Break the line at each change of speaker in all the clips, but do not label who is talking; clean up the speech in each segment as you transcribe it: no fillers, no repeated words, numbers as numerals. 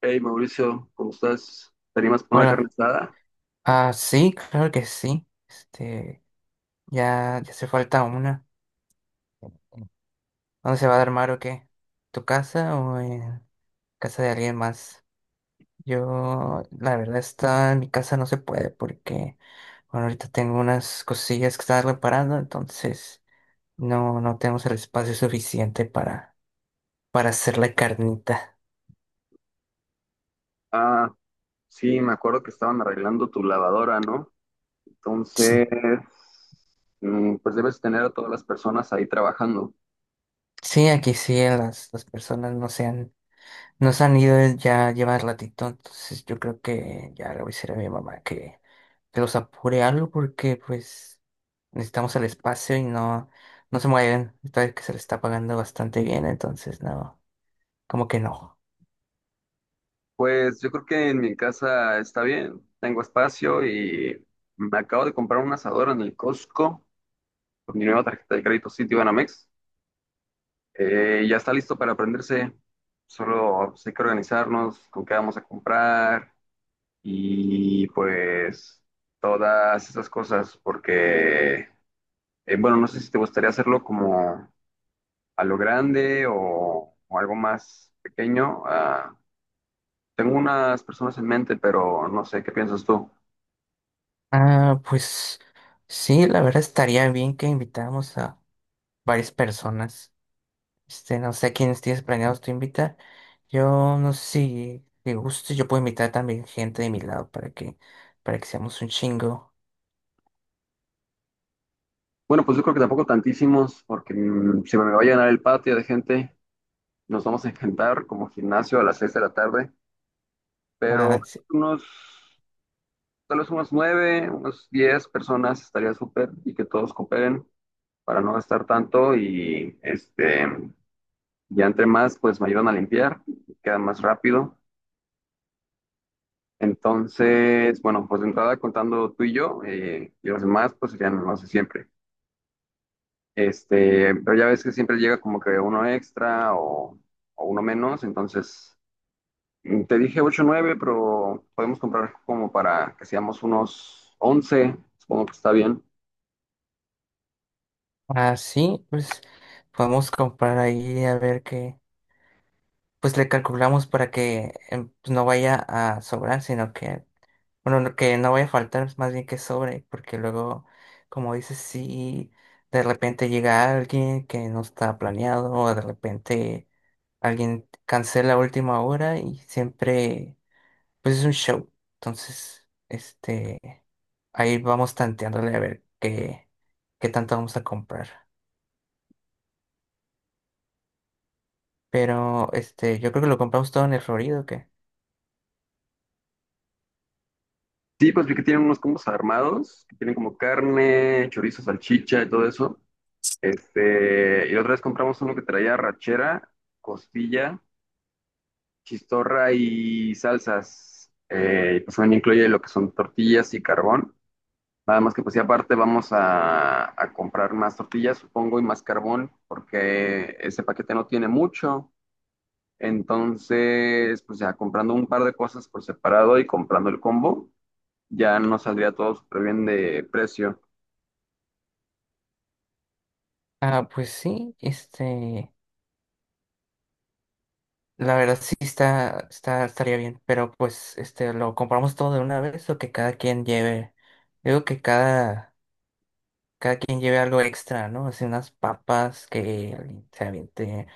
Hey Mauricio, ¿cómo estás? ¿Te animas por una carne
Hola.
asada?
Ah, sí, claro que sí. Ya hace falta una. ¿Dónde se va a armar o qué? ¿Tu casa o en casa de alguien más? Yo, la verdad, está en mi casa no se puede porque, bueno, ahorita tengo unas cosillas que están reparando, entonces no tenemos el espacio suficiente para hacer la carnita.
Ah, sí, me acuerdo que estaban arreglando tu lavadora, ¿no?
Sí,
Entonces, pues debes tener a todas las personas ahí trabajando.
sí, aquí sí, las personas no se han nos han ido ya llevar ratito, entonces yo creo que ya le voy a decir a mi mamá que los apure algo porque pues necesitamos el espacio y no, no se mueven. Esta vez que se le está pagando bastante bien, entonces no, como que no.
Pues yo creo que en mi casa está bien, tengo espacio y me acabo de comprar un asador en el Costco con mi nueva tarjeta de crédito Citibanamex. Ya está listo para prenderse, solo pues, hay que organizarnos con qué vamos a comprar y pues todas esas cosas, porque, bueno, no sé si te gustaría hacerlo como a lo grande o algo más pequeño. Ah, tengo unas personas en mente, pero no sé, ¿qué piensas tú?
Ah, pues sí, la verdad estaría bien que invitáramos a varias personas. No sé quiénes tienes planeados tú invitar. Yo no sé si te guste, yo puedo invitar también gente de mi lado para que seamos un chingo.
Bueno, pues yo creo que tampoco tantísimos, porque se me va a llenar el patio de gente. Nos vamos a encantar como gimnasio a las 6 de la tarde, pero
Ah, sí.
unos, tal vez unos 9, unos 10 personas estaría súper y que todos cooperen. Para no gastar tanto y este, ya entre más, pues me ayudan a limpiar, queda más rápido. Entonces, bueno, pues de entrada contando tú y yo, y los demás, pues serían los de siempre. Este, pero ya ves que siempre llega como que uno extra o uno menos, entonces te dije 8 o 9, pero podemos comprar como para que seamos unos 11, supongo que está bien.
Así, pues podemos comprar ahí a ver pues le calculamos para que pues, no vaya a sobrar, sino que, bueno, que no vaya a faltar, más bien que sobre, porque luego, como dices, si de repente llega alguien que no está planeado o de repente alguien cancela a última hora y siempre, pues es un show. Entonces, ahí vamos tanteándole a ver qué tanto vamos a comprar. Pero, yo creo que lo compramos todo en el Florido, ¿o qué?
Sí, pues vi que tienen unos combos armados, que tienen como carne, chorizo, salchicha y todo eso. Este, y la otra vez compramos uno que traía rachera, costilla, chistorra y salsas. Y pues también incluye lo que son tortillas y carbón. Nada más que pues y aparte a comprar más tortillas, supongo, y más carbón, porque ese paquete no tiene mucho. Entonces, pues ya comprando un par de cosas por separado y comprando el combo, ya nos saldría todo súper bien de precio.
Ah, pues sí, la verdad sí estaría bien, pero pues, ¿lo compramos todo de una vez o que cada quien lleve? Digo que cada quien lleve algo extra, ¿no? Así unas papas, que alguien se aviente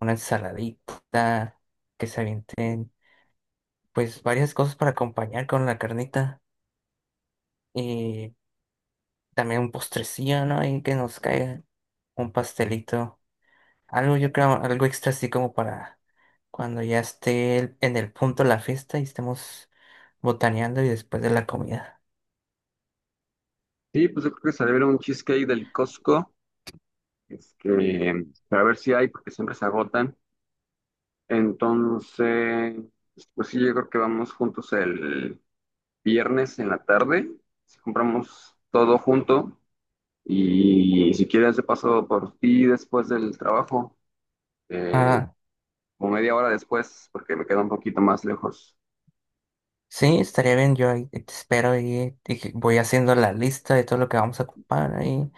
una ensaladita, que se avienten, pues, varias cosas para acompañar con la carnita y también un postrecillo, ¿no? Y que nos caiga un pastelito. Algo, yo creo, algo extra así como para cuando ya esté en el punto la fiesta y estemos botaneando y después de la comida.
Sí, pues yo creo que saldría un cheesecake del Costco. Este, para ver si hay, porque siempre se agotan. Entonces, pues sí, yo creo que vamos juntos el viernes en la tarde. Si compramos todo junto y si quieres de paso por ti después del trabajo, eh,
Ah,
como media hora después, porque me queda un poquito más lejos.
sí, estaría bien, yo ahí te espero y que voy haciendo la lista de todo lo que vamos a ocupar y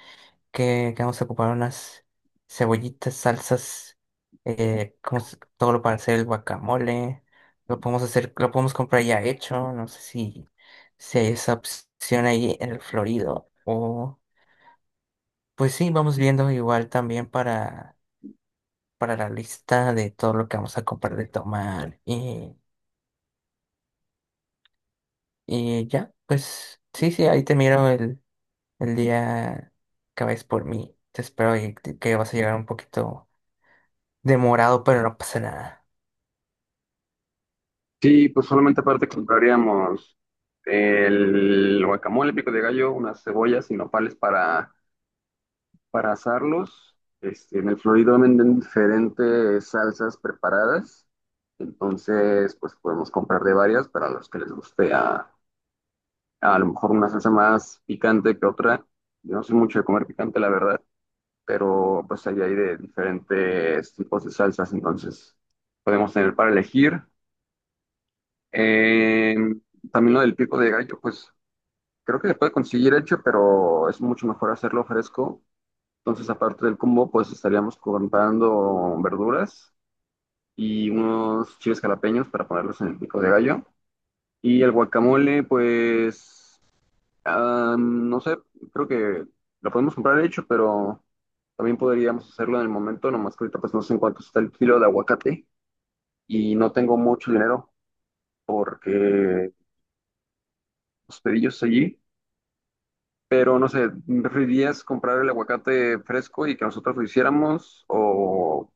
que vamos a ocupar unas cebollitas, salsas, como todo lo para hacer el guacamole, lo podemos hacer, lo podemos comprar ya hecho, no sé si, si hay esa opción ahí en el Florido o... Pues sí, vamos viendo igual también para la lista de todo lo que vamos a comprar de tomar. Y ya, pues sí, sí, ahí te miro el día que vayas por mí. Te espero y que vas a llegar un poquito demorado, pero no pasa nada.
Sí, pues solamente aparte compraríamos el guacamole, pico de gallo, unas cebollas y nopales para asarlos. Este, en el Florido venden diferentes salsas preparadas. Entonces, pues podemos comprar de varias para los que les guste a lo mejor una salsa más picante que otra. Yo no soy mucho de comer picante, la verdad, pero pues ahí hay de diferentes tipos de salsas, entonces podemos tener para elegir. Eh, También lo del pico de gallo, pues creo que se puede conseguir hecho, pero es mucho mejor hacerlo fresco. Entonces, aparte del combo, pues estaríamos comprando verduras y unos chiles jalapeños para ponerlos en el pico de gallo. Y el guacamole, pues, ah, no sé, creo que lo podemos comprar hecho, pero también podríamos hacerlo en el momento, nomás que ahorita pues no sé en cuánto está el kilo de aguacate y no tengo mucho dinero porque los pedillos allí, pero no sé, ¿preferirías comprar el aguacate fresco y que nosotros lo hiciéramos o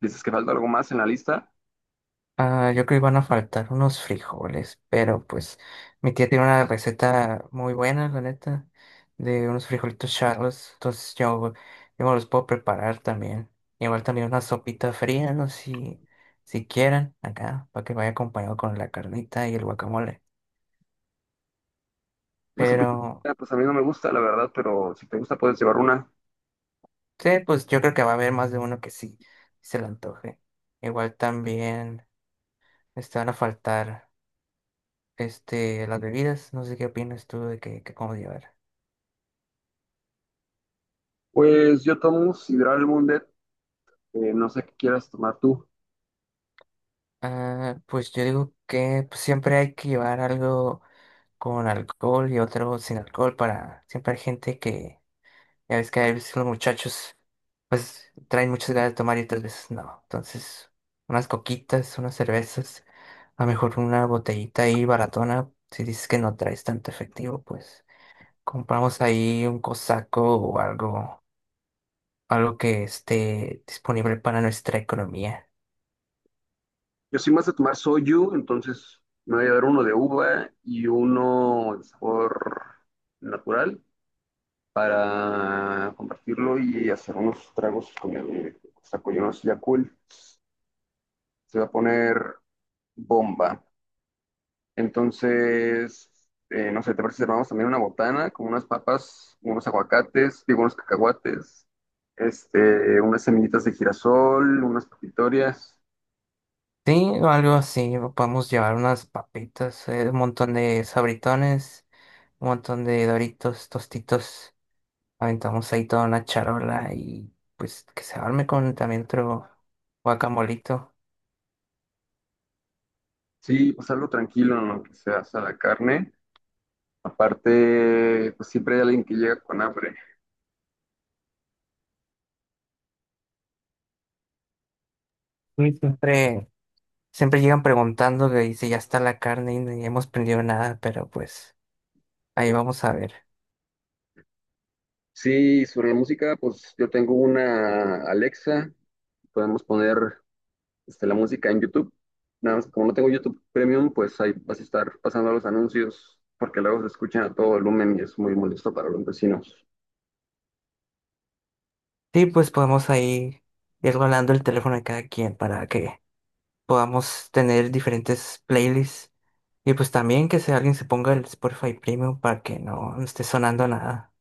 dices que falta algo más en la lista?
Ah, yo creo que iban a faltar unos frijoles, pero pues mi tía tiene una receta muy buena, la neta, de unos frijolitos charros, entonces yo me los puedo preparar también. Igual también una sopita fría, no sé si, si quieran, acá, para que vaya acompañado con la carnita y el guacamole.
Una sopita,
Pero
pues a mí no me gusta, la verdad, pero si te gusta puedes llevar una.
sí, pues yo creo que va a haber más de uno que sí, sí se le antoje. Igual también van a faltar las bebidas, no sé qué opinas tú de que cómo llevar.
Pues yo tomo sidral Mundet, no sé qué quieras tomar tú.
Ah, pues yo digo que pues, siempre hay que llevar algo con alcohol y otro sin alcohol para siempre hay gente que, ya ves que a veces los muchachos pues traen muchas ganas de tomar y otras veces no. Entonces, unas coquitas, unas cervezas, a lo mejor una botellita ahí baratona, si dices que no traes tanto efectivo, pues compramos ahí un cosaco o algo, algo que esté disponible para nuestra economía.
Yo soy más de tomar soju, entonces me voy a dar uno de uva y uno de sabor natural para compartirlo y hacer unos tragos con el saco, ya cool. Se va a poner bomba. Entonces, no sé, ¿te parece si armamos también una botana con unas papas, unos aguacates, digo, unos cacahuates, este, unas semillitas de girasol, unas papitorias?
Sí, o algo así, o podemos llevar unas papitas, un montón de sabritones, un montón de Doritos, tostitos, aventamos ahí toda una charola y pues que se arme con también otro guacamolito.
Sí, pues algo tranquilo en lo que se hace la carne. Aparte, pues siempre hay alguien que llega con hambre.
Y siempre llegan preguntando que dice ya está la carne y no hemos prendido nada, pero pues ahí vamos a ver.
Sí, sobre la música, pues yo tengo una Alexa, podemos poner este, la música en YouTube. Nada más, como no tengo YouTube Premium, pues ahí vas a estar pasando los anuncios, porque luego se escuchan a todo volumen y es muy molesto para los vecinos.
Sí, pues podemos ahí ir rolando el teléfono de cada quien para que podamos tener diferentes playlists. Y pues también que si alguien se ponga el Spotify Premium para que no esté sonando nada.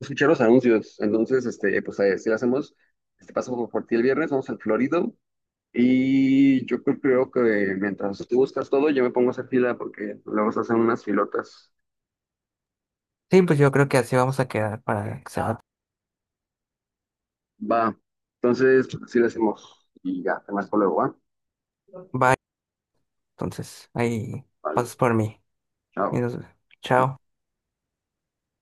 Escuchar los anuncios, entonces, este, pues ahí, si lo hacemos, este paso por ti el viernes, vamos al Florido. Y yo creo, creo que mientras tú buscas todo, yo me pongo a hacer fila porque luego se hacen unas filotas.
Sí, pues yo creo que así vamos a quedar para que se va.
Va. Entonces, pues, así lo hacemos. Y ya, te marco luego, ¿va?
Bye. Entonces, ahí
Vale,
pasas por mí. Y
chao.
nos- Chao.